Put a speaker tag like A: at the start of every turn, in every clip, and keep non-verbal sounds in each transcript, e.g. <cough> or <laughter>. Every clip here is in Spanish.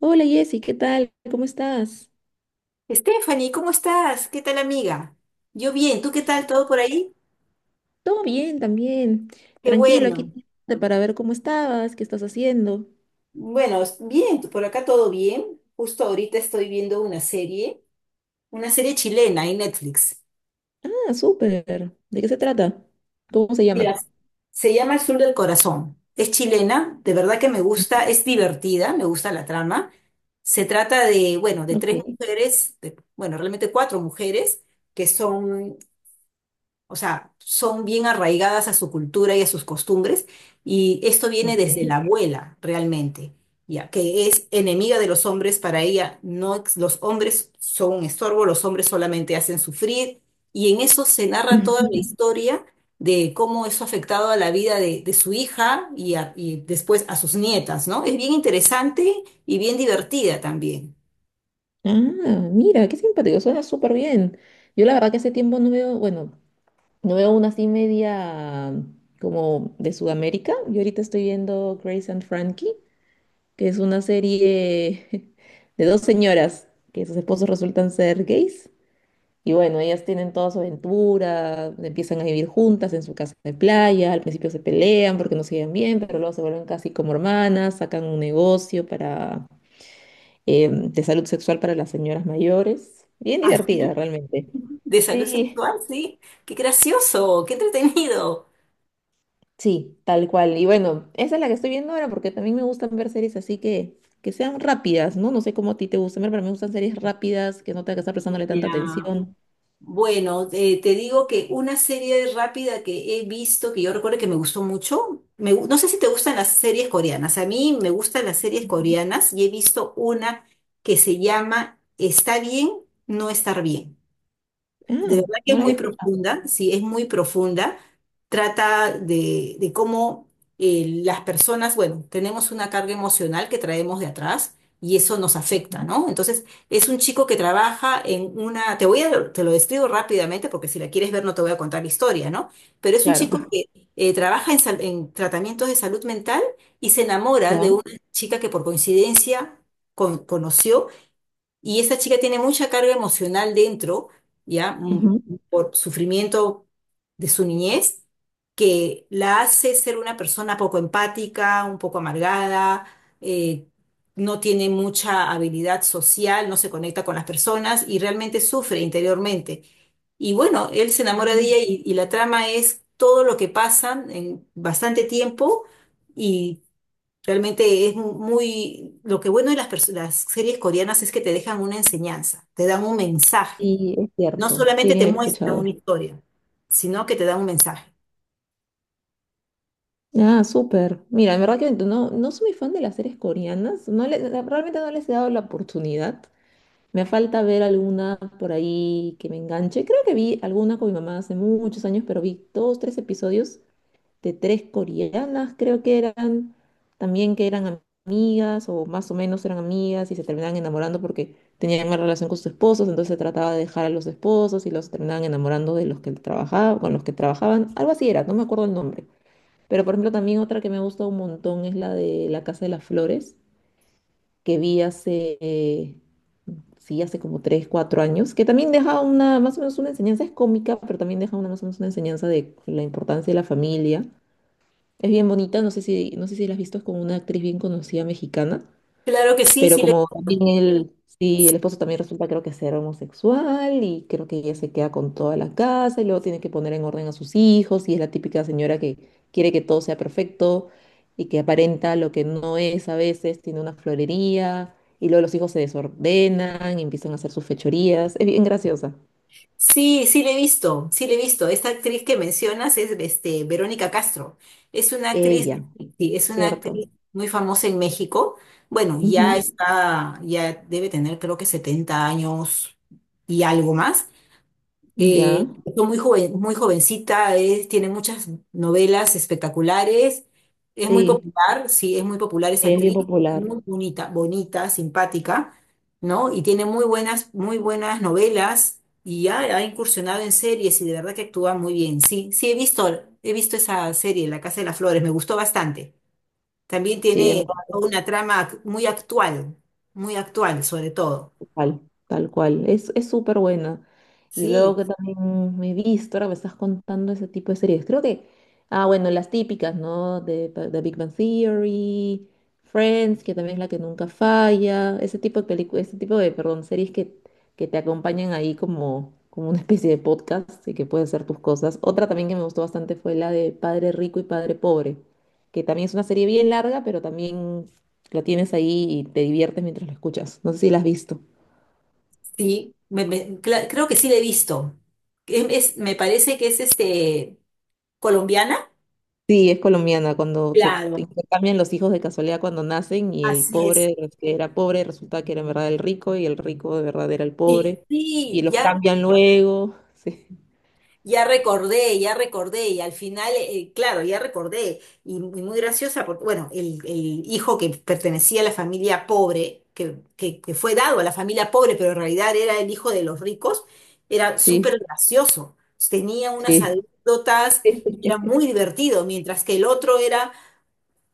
A: Hola Jessy, ¿qué tal? ¿Cómo estás?
B: Stephanie, ¿cómo estás? ¿Qué tal, amiga? Yo bien, ¿tú qué tal? ¿Todo por ahí?
A: Todo bien también.
B: Qué
A: Tranquilo,
B: bueno.
A: aquí para ver cómo estabas, qué estás haciendo.
B: Bueno, bien, por acá todo bien. Justo ahorita estoy viendo una serie chilena en Netflix.
A: Ah, súper. ¿De qué se trata? ¿Cómo se llama?
B: Mira, se llama El Sur del Corazón. Es chilena, de verdad que me gusta, es divertida, me gusta la trama. Se trata de, bueno, de
A: Ok,
B: tres mujeres, bueno, realmente cuatro mujeres que son. O sea, son bien arraigadas a su cultura y a sus costumbres, y esto viene desde
A: ok.
B: la abuela realmente, ya que es enemiga de los hombres para ella. No, los hombres son un estorbo, los hombres solamente hacen sufrir, y en eso se narra toda la historia de cómo eso ha afectado a la vida de su hija y, y después a sus nietas, ¿no? Es bien interesante y bien divertida también.
A: Ah, mira, qué simpático, suena súper bien. Yo la verdad que hace tiempo no veo, bueno, no veo una así media como de Sudamérica. Yo ahorita estoy viendo Grace and Frankie, que es una serie <laughs> de dos señoras que sus esposos resultan ser gays. Y bueno, ellas tienen toda su aventura, empiezan a vivir juntas en su casa de playa, al principio se pelean porque no se llevan bien, pero luego se vuelven casi como hermanas, sacan un negocio para, de salud sexual para las señoras mayores. Bien
B: Así,
A: divertida realmente.
B: <laughs> de salud
A: Sí,
B: sexual, sí. Qué gracioso, qué entretenido.
A: sí, tal cual. Y bueno, esa es la que estoy viendo ahora porque también me gustan ver series así que sean rápidas, ¿no? No sé cómo a ti te gustan ver, pero me gustan series rápidas, que no tenga que estar prestándole tanta
B: Ya.
A: atención.
B: Bueno, te digo que una serie rápida que he visto, que yo recuerdo que me gustó mucho, no sé si te gustan las series coreanas, a mí me gustan las series coreanas y he visto una que se llama Está bien, no estar bien.
A: Ah,
B: De verdad que
A: no
B: es
A: la había
B: muy
A: escuchado.
B: profunda, sí, es muy profunda. Trata de cómo las personas, bueno, tenemos una carga emocional que traemos de atrás y eso nos afecta,
A: ¿No?
B: ¿no? Entonces, es un chico que trabaja en una, te lo describo rápidamente porque si la quieres ver no te voy a contar la historia, ¿no? Pero es un chico
A: Claro.
B: que trabaja en, en tratamientos de salud mental y se enamora de una
A: Ya.
B: chica que por coincidencia conoció y esa chica tiene mucha carga emocional dentro, ¿ya? Mm.
A: Ujú.
B: Por sufrimiento de su niñez, que la hace ser una persona poco empática, un poco amargada, eh, no tiene mucha habilidad social, no se conecta con las personas y realmente sufre interiormente. Y bueno, él se enamora de ella y la trama es todo lo que pasan en bastante tiempo y. Realmente es muy... Lo que bueno de las, las series coreanas es que te dejan una enseñanza, te dan un mensaje.
A: Sí, es
B: No
A: cierto. Sí,
B: solamente
A: me
B: te
A: había
B: muestran
A: escuchado.
B: una historia, sino que te dan un mensaje.
A: Ah, súper. Mira, en verdad que no, no soy muy fan de las series coreanas. Realmente no les he dado la oportunidad. Me falta ver alguna por ahí que me enganche. Creo que vi alguna con mi mamá hace muchos años, pero vi dos, tres episodios de tres coreanas, creo que eran, también que eran amigas o más o menos eran amigas y se terminaban enamorando porque tenían una relación con sus esposos, entonces se trataba de dejar a los esposos y los terminaban enamorando de los que trabajaba, con los que trabajaban, algo así era, no me acuerdo el nombre. Pero por ejemplo también otra que me gusta un montón es la de La Casa de las Flores, que vi hace, sí, hace como 3 4 años, que también deja una, más o menos una enseñanza, es cómica, pero también deja una, más o menos una enseñanza de la importancia de la familia, es bien bonita, no sé si, no sé si la has visto, es con una actriz bien conocida mexicana,
B: Claro que
A: pero como también él, sí, el esposo también resulta creo que ser homosexual y creo que ella se queda con toda la casa y luego tiene que poner en orden a sus hijos y es la típica señora que quiere que todo sea perfecto y que aparenta lo que no es a veces, tiene una florería y luego los hijos se desordenan y empiezan a hacer sus fechorías, es bien graciosa.
B: sí, sí le he visto, sí le he visto. Esta actriz que mencionas es este, Verónica Castro. Es una actriz,
A: Ella,
B: sí, es una
A: ¿cierto?
B: actriz muy famosa en México. Bueno,
A: Ujú.
B: ya está, ya debe tener creo que 70 años y algo más. Eh,
A: Ya,
B: fue muy joven, muy jovencita, tiene muchas novelas espectaculares, es muy
A: sí,
B: popular, sí, es muy popular esa
A: es bien
B: actriz,
A: popular.
B: muy bonita, bonita, simpática, ¿no? Y tiene muy buenas novelas y ya ha incursionado en series y de verdad que actúa muy bien. Sí, sí, he visto esa serie, La Casa de las Flores, me gustó bastante. También
A: Sí, en
B: tiene
A: verdad.
B: una trama muy actual sobre todo.
A: Tal, tal cual. Es súper buena. Y luego
B: Sí.
A: que también me he visto, ahora me estás contando ese tipo de series. Creo que, ah, bueno, las típicas, ¿no? De Big Bang Theory, Friends, que también es la que nunca falla. Ese tipo de películas, ese tipo de, perdón, series que te acompañan ahí como, como una especie de podcast y que puedes hacer tus cosas. Otra también que me gustó bastante fue la de Padre Rico y Padre Pobre, que también es una serie bien larga, pero también lo tienes ahí y te diviertes mientras lo escuchas. No sé si la has visto.
B: Sí, creo que sí la he visto. Es- me parece que es este colombiana.
A: Sí, es colombiana, cuando se
B: Claro,
A: intercambian los hijos de casualidad cuando nacen y el
B: así es.
A: pobre que era pobre resulta que era en verdad el rico y el rico de verdad era el
B: Sí,
A: pobre
B: sí,
A: y los
B: ya,
A: cambian luego. <laughs>
B: ya recordé, y al final, claro, ya recordé, y, muy muy graciosa, porque, bueno, el hijo que pertenecía a la familia pobre, que fue dado a la familia pobre, pero en realidad era el hijo de los ricos, era súper
A: Sí,
B: gracioso, tenía unas
A: sí,
B: anécdotas
A: sí.
B: y era muy
A: <laughs>
B: divertido, mientras que el otro era.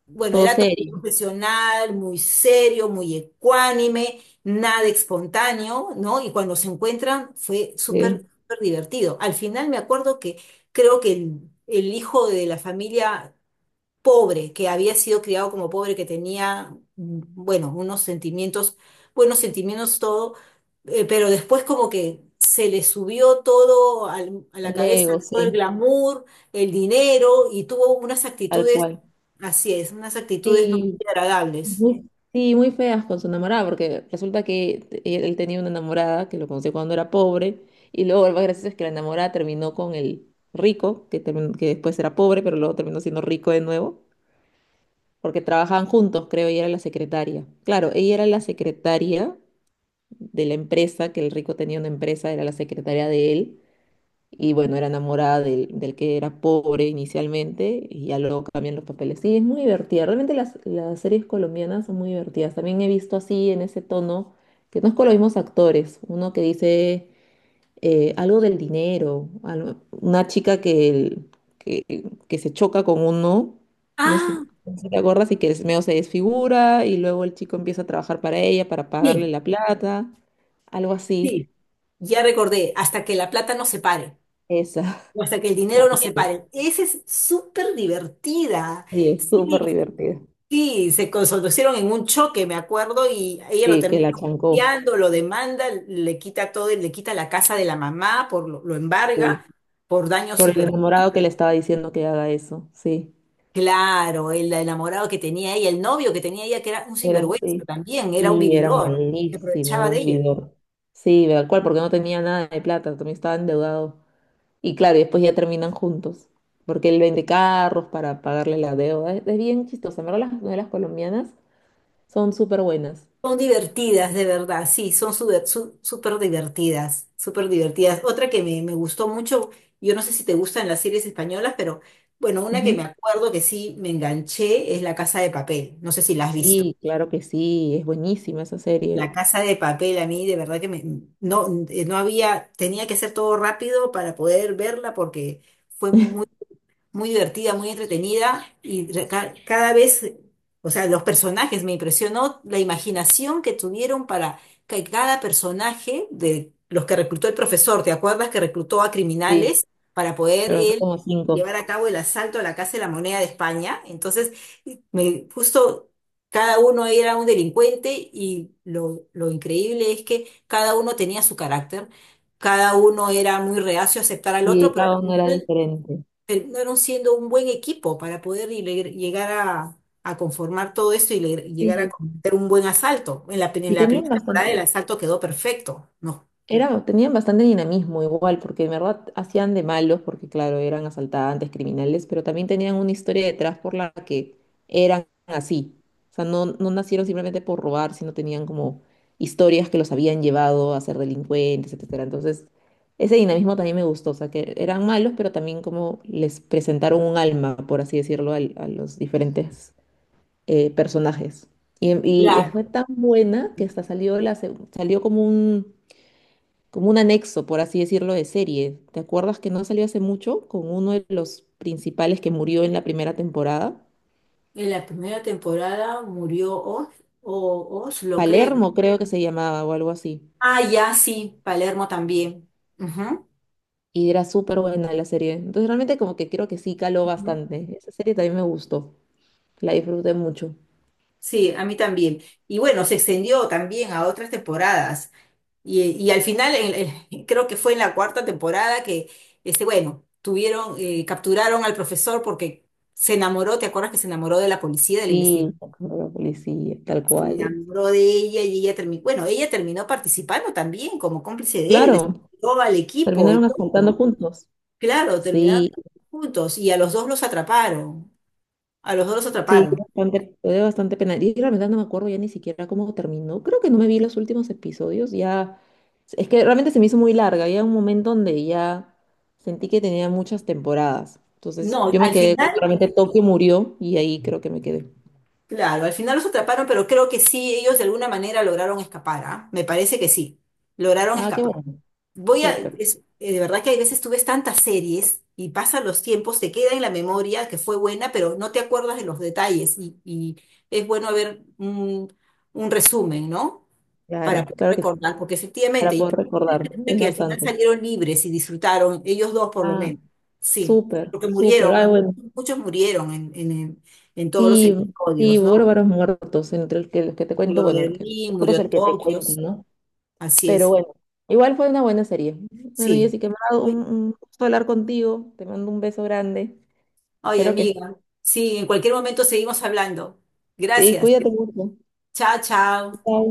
B: Bueno,
A: Todo
B: era todo un
A: serio.
B: profesional, muy serio, muy ecuánime, nada espontáneo, ¿no? Y cuando se encuentran fue súper,
A: Sí.
B: súper divertido. Al final me acuerdo que creo que el hijo de la familia pobre, que había sido criado como pobre, que tenía, mm, bueno, unos sentimientos, buenos sentimientos todo, pero después como que se le subió todo a la
A: El
B: cabeza,
A: ego,
B: todo el
A: sí,
B: glamour, el dinero y tuvo unas
A: tal
B: actitudes.
A: cual.
B: Así es, unas actitudes no
A: Sí,
B: muy agradables.
A: muy- sí, muy feas con su enamorada, porque resulta que él tenía una enamorada que lo conoció cuando era pobre, y luego lo más gracioso es que la enamorada terminó con el rico, que después era pobre, pero luego terminó siendo rico de nuevo, porque trabajaban juntos, creo, y era la secretaria. Claro, ella era la secretaria de la empresa, que el rico tenía una empresa, era la secretaria de él, y bueno, era enamorada del, del que era pobre inicialmente y ya luego cambian los papeles. Sí, es muy divertida. Realmente las series colombianas son muy divertidas. También he visto así en ese tono, que no es con los mismos actores. Uno que dice algo del dinero, una chica que, que se choca con uno, no sé,
B: Ah,
A: no sé si te acuerdas, y que medio se desfigura y luego el chico empieza a trabajar para ella, para pagarle
B: sí,
A: la plata, algo
B: sí.
A: así.
B: Ya recordé, hasta que la plata nos separe
A: Esa
B: o hasta que el
A: <laughs>
B: dinero nos
A: también.
B: separe. Esa es súper divertida.
A: Sí, es
B: Sí,
A: súper divertida.
B: sí, se conocieron en un choque, me acuerdo, y ella lo
A: Sí, que
B: termina
A: la chancó,
B: hostiando, lo demanda, le quita todo, le quita la casa de la mamá, lo embarga
A: sí.
B: por daños
A: Por
B: y
A: el
B: perjuicios.
A: enamorado que le estaba diciendo que haga eso, sí.
B: Claro, el enamorado que tenía ella, el novio que tenía ella, que era un
A: Era,
B: sinvergüenza
A: sí.
B: también, era un
A: Sí, era
B: vividor, se
A: malísimo,
B: aprovechaba
A: era
B: de
A: un
B: ella.
A: vividor. Sí, ¿verdad? ¿Cuál? Porque no tenía nada de plata, también estaba endeudado. Y claro, y después ya terminan juntos, porque él vende carros para pagarle la deuda. Es bien chistoso, en verdad las novelas colombianas son súper buenas.
B: Son divertidas, de verdad, sí, son súper divertidas, súper divertidas. Otra que me gustó mucho, yo no sé si te gustan las series españolas, pero bueno, una que
A: Ujú.
B: me acuerdo que sí me enganché es La Casa de Papel, no sé si la has visto.
A: Sí, claro que sí, es buenísima esa serie.
B: La Casa de Papel a mí de verdad que me, no, no había, tenía que hacer todo rápido para poder verla porque fue muy muy divertida, muy entretenida y cada vez, o sea, los personajes me impresionó la imaginación que tuvieron para que cada personaje de los que reclutó el profesor, ¿te acuerdas que reclutó a
A: Sí,
B: criminales para poder
A: pero
B: él
A: como cinco.
B: llevar a cabo el asalto a la Casa de la Moneda de España? Entonces, me justo cada uno era un delincuente lo increíble es que cada uno tenía su carácter. Cada uno era muy reacio a aceptar al otro,
A: Y
B: pero
A: cada
B: al
A: uno era
B: final
A: diferente.
B: terminaron siendo un buen equipo para poder llegar a conformar todo esto llegar a
A: Sí,
B: cometer un buen asalto. En
A: y
B: la
A: tenían
B: primera temporada el
A: bastante.
B: asalto quedó perfecto, ¿no?
A: Era, tenían bastante dinamismo igual, porque de verdad hacían de malos, porque claro, eran asaltantes, criminales, pero también tenían una historia detrás por la que eran así. O sea, no, no nacieron simplemente por robar, sino tenían como historias que los habían llevado a ser delincuentes, etcétera. Entonces, ese dinamismo también me gustó, o sea, que eran malos, pero también como les presentaron un alma, por así decirlo, a los diferentes personajes. Y, y fue
B: Claro,
A: tan buena que hasta salió, salió como un, como un anexo, por así decirlo, de serie. ¿Te acuerdas que no salió hace mucho con uno de los principales que murió en la primera temporada?
B: en la primera temporada murió Oz, o Oz, lo creo.
A: Palermo creo que se llamaba o algo así.
B: Ah, ya, sí, Palermo también. Ujú,
A: Y era súper buena la serie. Entonces realmente como que creo que sí caló
B: ujú.
A: bastante. Esa serie también me gustó. La disfruté mucho.
B: Sí, a mí también. Y bueno, se extendió también a otras temporadas. Y al final, <laughs> creo que fue en la cuarta temporada que, este, bueno, tuvieron, capturaron al profesor porque se enamoró, ¿te acuerdas que se enamoró de la policía, de la
A: Sí,
B: investigación?
A: como la policía, tal
B: Se
A: cual.
B: enamoró de ella y ella terminó, bueno, ella terminó participando también como cómplice de él,
A: Claro,
B: todo al equipo y
A: terminaron asaltando
B: todo.
A: juntos.
B: Claro, terminaron
A: Sí.
B: juntos y a los dos los atraparon, a los dos los
A: Sí,
B: atraparon.
A: bastante, lo bastante penal. Y realmente no me acuerdo ya ni siquiera cómo terminó. Creo que no me vi los últimos episodios. Ya, es que realmente se me hizo muy larga. Había un momento donde ya sentí que tenía muchas temporadas. Entonces
B: No,
A: yo me
B: al
A: quedé cuando
B: final,
A: realmente Tokio murió y ahí creo que me quedé.
B: claro, al final los atraparon, pero creo que sí, ellos de alguna manera lograron escapar, ¿ah? Me parece que sí, lograron
A: Ah, qué
B: escapar.
A: bueno.
B: Voy a,
A: Súper.
B: es, de verdad que hay veces tú ves tantas series y pasan los tiempos, te queda en la memoria que fue buena, pero no te acuerdas de los detalles y es bueno ver un resumen, ¿no? Para
A: Claro,
B: poder
A: claro que sí.
B: recordar, porque efectivamente,
A: Para
B: y
A: poder recordar.
B: piensa
A: Es
B: que al final
A: bastante.
B: salieron libres y disfrutaron, ellos dos por lo
A: Ah,
B: menos, sí,
A: súper,
B: porque
A: súper.
B: murieron,
A: Ay, bueno.
B: muchos murieron en todos los
A: Sí, sí,
B: episodios, ¿no?
A: bárbaros muertos. Entre el que, los que te cuento,
B: Murió
A: bueno, el que
B: Berlín,
A: muertos
B: murió
A: el que te
B: Tokio,
A: cuento, ¿no?
B: así
A: Pero
B: es,
A: bueno, igual fue una buena serie. Bueno,
B: sí.
A: Jessica, me ha dado un gusto hablar contigo. Te mando un beso grande.
B: Ay,
A: Espero que sí.
B: amiga. Sí, en cualquier momento seguimos hablando.
A: Y
B: Gracias.
A: cuídate mucho.
B: Chao, chao.
A: Chao.